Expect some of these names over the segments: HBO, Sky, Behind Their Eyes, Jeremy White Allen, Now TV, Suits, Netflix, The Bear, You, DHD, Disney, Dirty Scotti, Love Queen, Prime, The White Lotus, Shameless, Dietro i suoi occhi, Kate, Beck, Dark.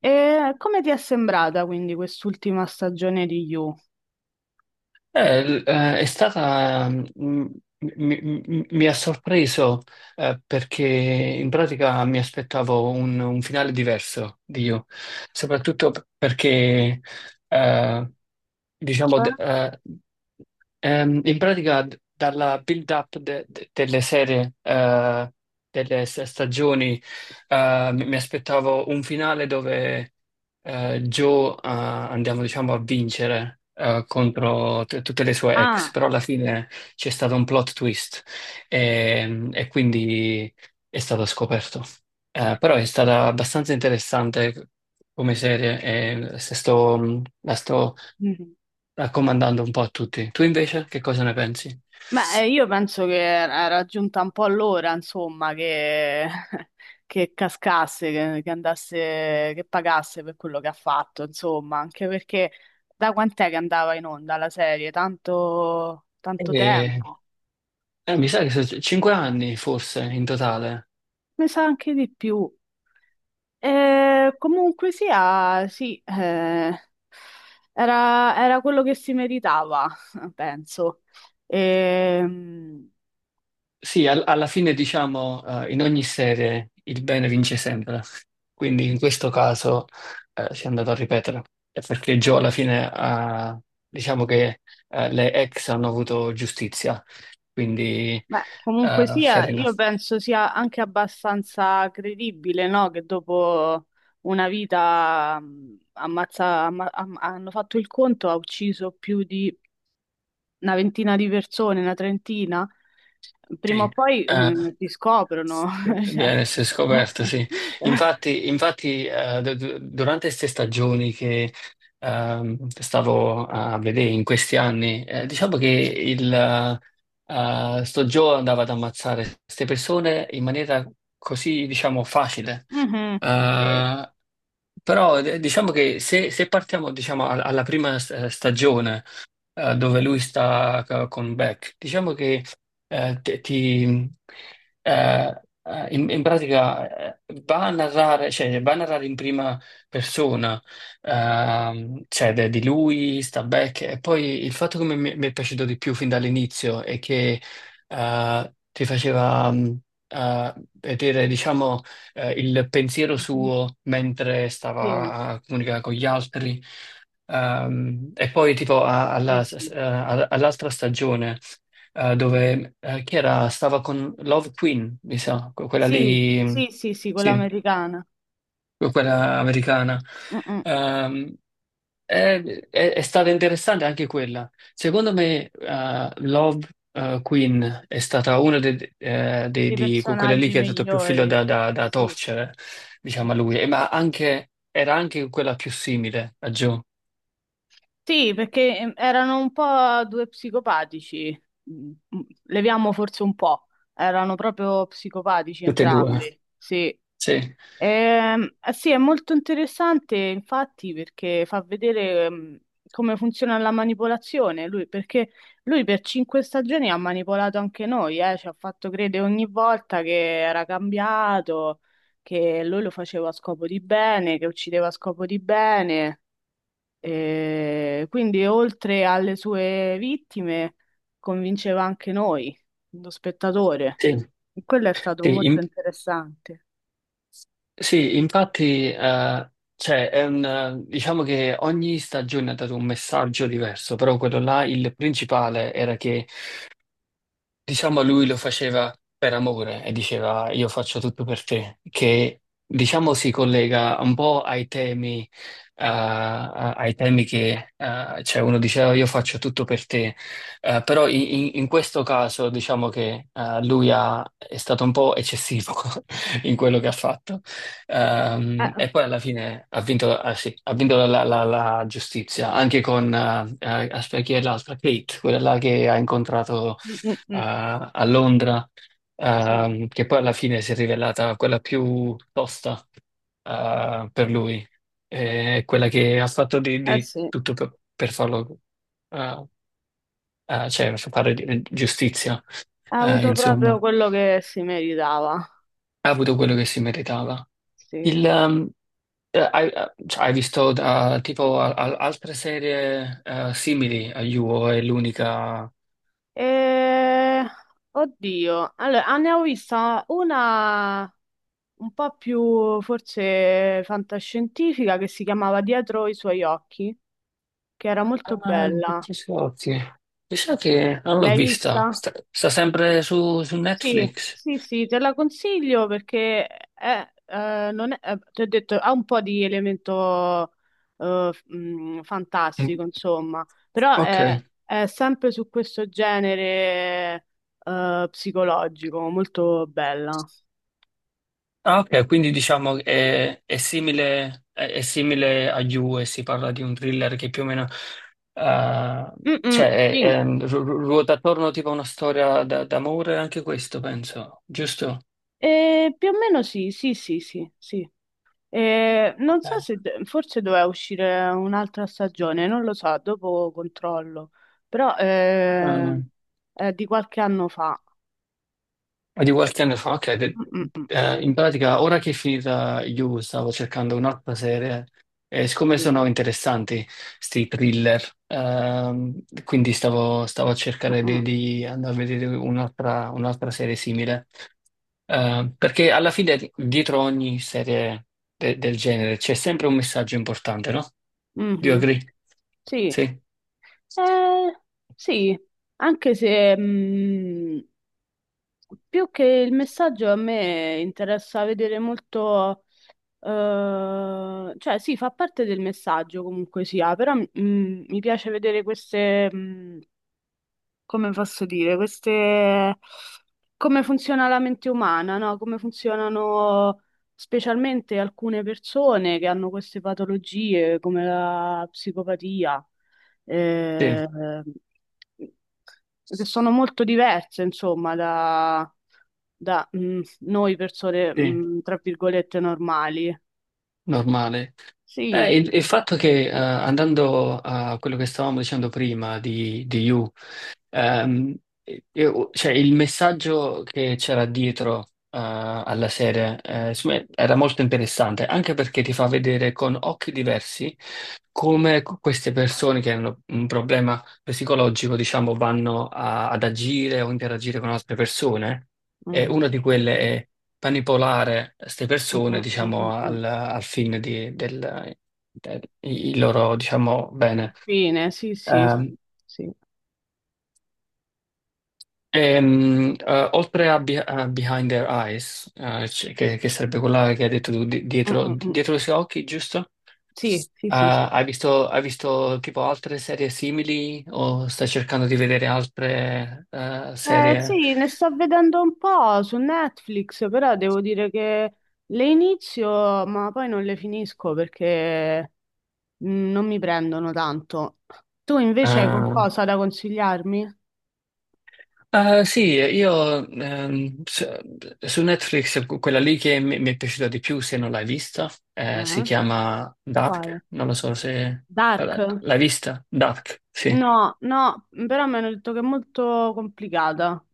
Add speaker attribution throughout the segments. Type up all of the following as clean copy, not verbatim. Speaker 1: E come ti è sembrata quindi quest'ultima stagione di You?
Speaker 2: È stata, mi ha sorpreso, perché in pratica mi aspettavo un finale diverso di You, soprattutto perché eh, diciamo in pratica, dalla build-up delle serie, delle stagioni, mi aspettavo un finale dove, Joe, andiamo, diciamo, a vincere, contro tutte le sue ex,
Speaker 1: Ah,
Speaker 2: però alla fine c'è stato un plot twist e quindi è stato scoperto. Però è stata abbastanza interessante come serie, e se sto, la sto
Speaker 1: mhm.
Speaker 2: raccomandando un po' a tutti. Tu invece che cosa ne pensi?
Speaker 1: Beh, io penso che era giunta un po' l'ora, insomma, che, che cascasse, che andasse, che pagasse per quello che ha fatto, insomma, anche perché da quant'è che andava in onda la serie? Tanto, tanto
Speaker 2: Eh,
Speaker 1: tempo,
Speaker 2: Mi sa che sono cinque anni forse in totale.
Speaker 1: mi sa anche di più. E comunque sia, sì, era, era quello che si meritava, penso. Ehm,
Speaker 2: Sì, alla fine diciamo, in ogni serie il bene vince sempre, quindi in questo caso si è andato a ripetere. Perché Joe alla fine ha, diciamo che, le ex hanno avuto giustizia, quindi,
Speaker 1: beh, comunque
Speaker 2: fair
Speaker 1: sia,
Speaker 2: enough.
Speaker 1: io penso sia anche abbastanza credibile, no? Che dopo una vita hanno fatto il conto, ha ucciso più di una ventina di persone, una trentina. Prima o
Speaker 2: Sì,
Speaker 1: poi
Speaker 2: eh,
Speaker 1: ti scoprono. Cioè.
Speaker 2: bene, si è scoperto, sì. Infatti, durante queste stagioni che, stavo a vedere in questi anni, diciamo che il, sto Joe andava ad ammazzare queste persone in maniera così, diciamo, facile.
Speaker 1: Mhm. Sì.
Speaker 2: Eh, Però, diciamo che se partiamo, diciamo, alla prima, stagione, dove lui sta con Beck. Diciamo che, eh, te- ti, in pratica, va a narrare, cioè, va a narrare in prima persona. Cioè di lui, sta Beck. E poi il fatto che mi è piaciuto di più fin dall'inizio è che, ti faceva... eh, vedere, diciamo, il pensiero
Speaker 1: Mhm.
Speaker 2: suo mentre
Speaker 1: Sì,
Speaker 2: stava a comunicare con gli altri. E poi tipo
Speaker 1: sì, sì.
Speaker 2: all'altra stagione, dove, chi era? Stava con Love Queen, mi sa, quella
Speaker 1: Sì,
Speaker 2: lì,
Speaker 1: sì, sì, sì, quella
Speaker 2: sì,
Speaker 1: americana.
Speaker 2: quella americana.
Speaker 1: Mm, mm.
Speaker 2: Ehm, è, è stata interessante anche quella. Secondo me, Love, Queen è stata una
Speaker 1: I
Speaker 2: di quelle lì
Speaker 1: personaggi
Speaker 2: che ha dato più filo
Speaker 1: migliori.
Speaker 2: da
Speaker 1: Sì,
Speaker 2: torcere, diciamo, a
Speaker 1: sì.
Speaker 2: lui. E ma anche, era anche quella più simile a Joe,
Speaker 1: Sì, perché erano un po' due psicopatici. Mm, mm, leviamo forse un po'. Erano proprio psicopatici
Speaker 2: tutte e due.
Speaker 1: entrambi. Sì,
Speaker 2: Sì.
Speaker 1: Eh sì, è molto interessante infatti perché fa vedere, come funziona la manipolazione lui, perché lui per cinque stagioni ha manipolato anche noi, ci ha fatto credere ogni volta che era cambiato, che lui lo faceva a scopo di bene, che uccideva a scopo di bene, e quindi oltre alle sue vittime convinceva anche noi, lo spettatore.
Speaker 2: Sì,
Speaker 1: E quello è stato
Speaker 2: sì,
Speaker 1: molto
Speaker 2: in-
Speaker 1: interessante.
Speaker 2: sì, infatti, cioè, diciamo che ogni stagione ha dato un messaggio diverso, però quello là, il principale era che diciamo lui lo faceva per amore e diceva io faccio tutto per te, che diciamo si collega un po' ai temi, ai temi che, cioè, uno diceva io faccio tutto per te. Però in questo caso diciamo che, è stato un po' eccessivo in quello che ha fatto.
Speaker 1: Eh,
Speaker 2: E poi alla fine ha vinto. Ah, sì, ha vinto la giustizia, anche con, aspetta, chi è l'altra? Kate, quella là che ha incontrato
Speaker 1: mm, mm, mm.
Speaker 2: a Londra,
Speaker 1: Sì.
Speaker 2: che poi alla fine si è rivelata quella più tosta, per lui. Quella che ha fatto di,
Speaker 1: Eh
Speaker 2: di
Speaker 1: sì, ha
Speaker 2: tutto per farlo, eh, cioè per fare giustizia,
Speaker 1: avuto proprio
Speaker 2: insomma,
Speaker 1: quello che si meritava.
Speaker 2: ha avuto quello che si meritava.
Speaker 1: Sì.
Speaker 2: Il, ehm, cioè, hai visto, tipo altre serie, simili a You, o è l'unica?
Speaker 1: E... oddio, allora, ah, ne ho vista una un po' più forse fantascientifica che si chiamava Dietro i suoi occhi, che era molto
Speaker 2: Ah,
Speaker 1: bella.
Speaker 2: Dirty Scotti. Mi sa che non l'ho
Speaker 1: L'hai
Speaker 2: vista.
Speaker 1: vista?
Speaker 2: Sta sempre su
Speaker 1: Sì,
Speaker 2: Netflix.
Speaker 1: sì, sì, te la consiglio perché è, non è, ti ho detto, ha un po' di elemento, fantastico,
Speaker 2: Mm.
Speaker 1: insomma, però
Speaker 2: Ok.
Speaker 1: è sempre su questo genere psicologico, molto bella.
Speaker 2: Ah, ok, quindi diciamo che è simile, è simile a You, e si parla di un thriller che più o meno, eh,
Speaker 1: Mm, mm,
Speaker 2: cioè,
Speaker 1: sì.
Speaker 2: ruota attorno tipo a una storia d'amore, anche questo penso, giusto?
Speaker 1: Più o meno sì, sì, sì, sì, sì. E non
Speaker 2: Ok.
Speaker 1: so se forse doveva uscire un'altra stagione, non lo so, dopo controllo, però
Speaker 2: Ah, no.
Speaker 1: è di qualche anno fa.
Speaker 2: Ma di qualche anno fa, ok,
Speaker 1: Mm, mm, mm.
Speaker 2: in pratica ora che è finita You stavo cercando un'altra serie, e siccome
Speaker 1: Sì.
Speaker 2: sono interessanti sti thriller, quindi stavo a
Speaker 1: Mm,
Speaker 2: cercare di,
Speaker 1: mm.
Speaker 2: di andare a vedere un'altra serie simile. Perché alla fine dietro ogni serie del genere c'è sempre un messaggio importante, no? Do you
Speaker 1: Mhm.
Speaker 2: agree?
Speaker 1: Sì,
Speaker 2: Sì,
Speaker 1: eh, sì, anche se più che il messaggio a me interessa vedere molto, cioè sì, fa parte del messaggio comunque sia, però mi piace vedere queste... come posso dire, queste, come funziona la mente umana, no? Come funzionano specialmente alcune persone che hanno queste patologie come la psicopatia,
Speaker 2: sì,
Speaker 1: eh, che sono molto diverse, insomma, da noi persone,
Speaker 2: sì,
Speaker 1: mm, tra virgolette, normali.
Speaker 2: normale.
Speaker 1: Sì.
Speaker 2: Il fatto che, andando a quello che stavamo dicendo prima di You, ehm, cioè, il messaggio che c'era dietro, alla serie, insomma, era molto interessante, anche perché ti fa vedere con occhi diversi come queste persone che hanno un problema psicologico, diciamo, vanno ad agire o interagire con altre persone. E
Speaker 1: Mhm.
Speaker 2: una di quelle è manipolare queste
Speaker 1: Mm,
Speaker 2: persone,
Speaker 1: mm, mm,
Speaker 2: diciamo,
Speaker 1: mm, mm.
Speaker 2: al fine di, del, il loro, diciamo, bene.
Speaker 1: Infine, sì, sì,
Speaker 2: Ehm,
Speaker 1: sì.
Speaker 2: Oltre a Behind Their Eyes, che sarebbe quella che hai detto tu,
Speaker 1: Mm, mm, mm.
Speaker 2: dietro i suoi occhi, giusto?
Speaker 1: Sì, sì, sì,
Speaker 2: Ah,
Speaker 1: sì.
Speaker 2: hai visto, tipo altre serie simili, o stai cercando di vedere altre, serie?
Speaker 1: Sì, ne sto vedendo un po' su Netflix, però devo dire che le inizio, ma poi non le finisco perché non mi prendono tanto. Tu invece hai
Speaker 2: eh,
Speaker 1: qualcosa da consigliarmi?
Speaker 2: Ah, sì, io, su Netflix quella lì che mi è piaciuta di più, se non l'hai vista, si
Speaker 1: Eh?
Speaker 2: chiama
Speaker 1: Quale?
Speaker 2: Dark, non lo so se
Speaker 1: Dark?
Speaker 2: l'hai vista. Dark, sì,
Speaker 1: No, no, però mi hanno detto che è molto complicata.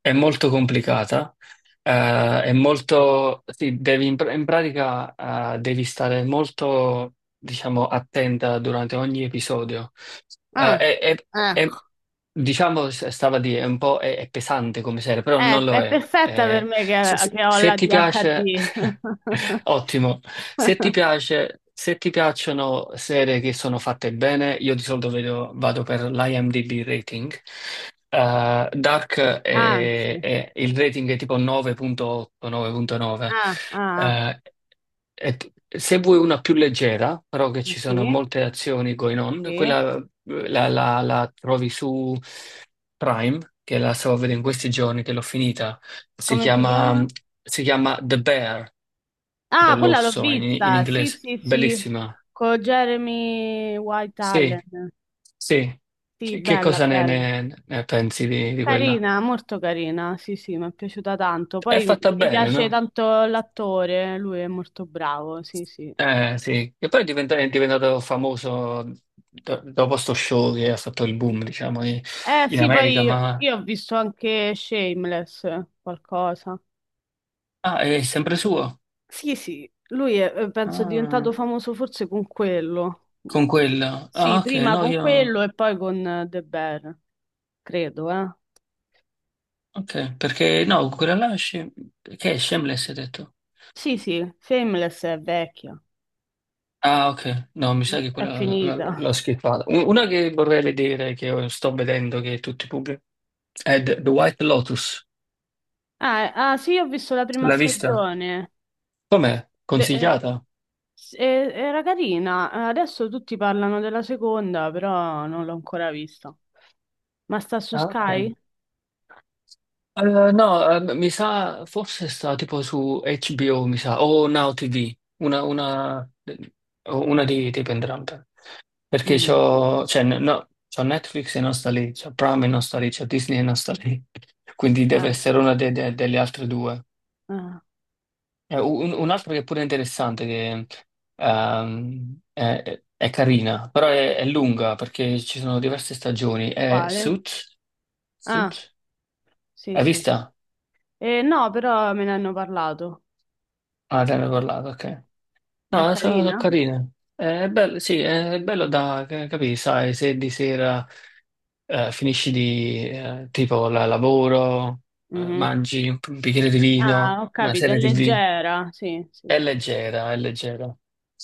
Speaker 2: è molto complicata, è molto, sì, devi in pratica, devi stare molto, diciamo, attenta durante ogni episodio. Eh,
Speaker 1: Ah,
Speaker 2: è, è- è-
Speaker 1: ecco.
Speaker 2: diciamo, stava a dire, è un po' è pesante come serie, però non lo
Speaker 1: È
Speaker 2: è.
Speaker 1: perfetta per me
Speaker 2: Se, se-
Speaker 1: che ho
Speaker 2: se
Speaker 1: la
Speaker 2: ti piace,
Speaker 1: DHD.
Speaker 2: ottimo. Se ti piace, se ti piacciono serie che sono fatte bene, io di solito vado per l'IMDb rating. Eh, Dark
Speaker 1: Ah, sì.
Speaker 2: è, è- il rating è tipo 9.8, 9.9.
Speaker 1: Ah, ah, ah.
Speaker 2: Eh, Se vuoi una più leggera, però che ci sono
Speaker 1: Sì.
Speaker 2: molte azioni going on,
Speaker 1: Sì.
Speaker 2: quella, la trovi su Prime, che la stavo vedendo in questi giorni, che l'ho finita. Si
Speaker 1: Come si chiama?
Speaker 2: chiama, si chiama The Bear, tipo
Speaker 1: Ah, quella l'ho
Speaker 2: l'orso in
Speaker 1: vista. Sì,
Speaker 2: inglese.
Speaker 1: sì, sì.
Speaker 2: Bellissima.
Speaker 1: Con Jeremy White
Speaker 2: Sì,
Speaker 1: Allen.
Speaker 2: sì.
Speaker 1: Sì,
Speaker 2: Che
Speaker 1: bella,
Speaker 2: cosa ne,
Speaker 1: bella.
Speaker 2: ne- ne pensi di quella?
Speaker 1: Carina, molto carina. Sì, sì, mi è piaciuta tanto.
Speaker 2: È
Speaker 1: Poi mi
Speaker 2: fatta
Speaker 1: mi
Speaker 2: bene,
Speaker 1: piace
Speaker 2: no?
Speaker 1: tanto l'attore, lui è molto bravo. Sì, sì.
Speaker 2: Eh sì, che poi è diventato famoso dopo sto show che ha fatto il boom, diciamo, in
Speaker 1: Sì,
Speaker 2: America,
Speaker 1: poi
Speaker 2: ma...
Speaker 1: io ho visto anche Shameless, qualcosa.
Speaker 2: Ah, è sempre suo?
Speaker 1: Sì, sì, lui è, penso, è
Speaker 2: Ah,
Speaker 1: diventato famoso forse con quello.
Speaker 2: con quella...
Speaker 1: Sì,
Speaker 2: Ah, ok,
Speaker 1: prima
Speaker 2: no,
Speaker 1: con
Speaker 2: io...
Speaker 1: quello e poi con The Bear. Credo, eh.
Speaker 2: Ok, perché no, quella là... Che è Shameless, hai detto?
Speaker 1: Sì, sì, Shameless è vecchia,
Speaker 2: Ah, ok, no, mi sa che
Speaker 1: è
Speaker 2: quella
Speaker 1: finita.
Speaker 2: l'ho skippata. Una che vorrei vedere, che sto vedendo, che tutti pubblicano, è The White Lotus.
Speaker 1: Ah, ah, sì, ho visto la prima
Speaker 2: L'hai vista?
Speaker 1: stagione.
Speaker 2: Com'è?
Speaker 1: De- eh,
Speaker 2: Consigliata?
Speaker 1: era carina. Adesso tutti parlano della seconda, però non l'ho ancora vista. Ma sta su
Speaker 2: Ah, ok.
Speaker 1: Sky?
Speaker 2: Eh, no, mi sa, forse sta tipo su HBO, mi sa, o Now TV, una, o una di entrambe. Perché
Speaker 1: Mm,
Speaker 2: c'ho, cioè, no, c'ho Netflix e non sta lì, c'ho Prime e non sta lì, c'ho Disney e non sta lì. Quindi deve
Speaker 1: eh,
Speaker 2: essere una delle altre due.
Speaker 1: eh,
Speaker 2: Un'altra che è pure interessante, che è carina, però è lunga perché ci sono diverse stagioni. È
Speaker 1: quale?
Speaker 2: Suits?
Speaker 1: Ah,
Speaker 2: Suits?
Speaker 1: sì,
Speaker 2: Hai
Speaker 1: sì.
Speaker 2: vista?
Speaker 1: No, però me ne hanno parlato.
Speaker 2: Ah, te ne ho parlato, ok.
Speaker 1: È
Speaker 2: No, sono
Speaker 1: carina?
Speaker 2: carine. È bello, sì, è bello da capire, sai, se di sera, finisci di, tipo la lavoro,
Speaker 1: Mhm.
Speaker 2: mangi un bicchiere di
Speaker 1: Ah,
Speaker 2: vino,
Speaker 1: ho
Speaker 2: una
Speaker 1: capito, è
Speaker 2: serie TV.
Speaker 1: leggera, sì, sì,
Speaker 2: È leggera, è leggera.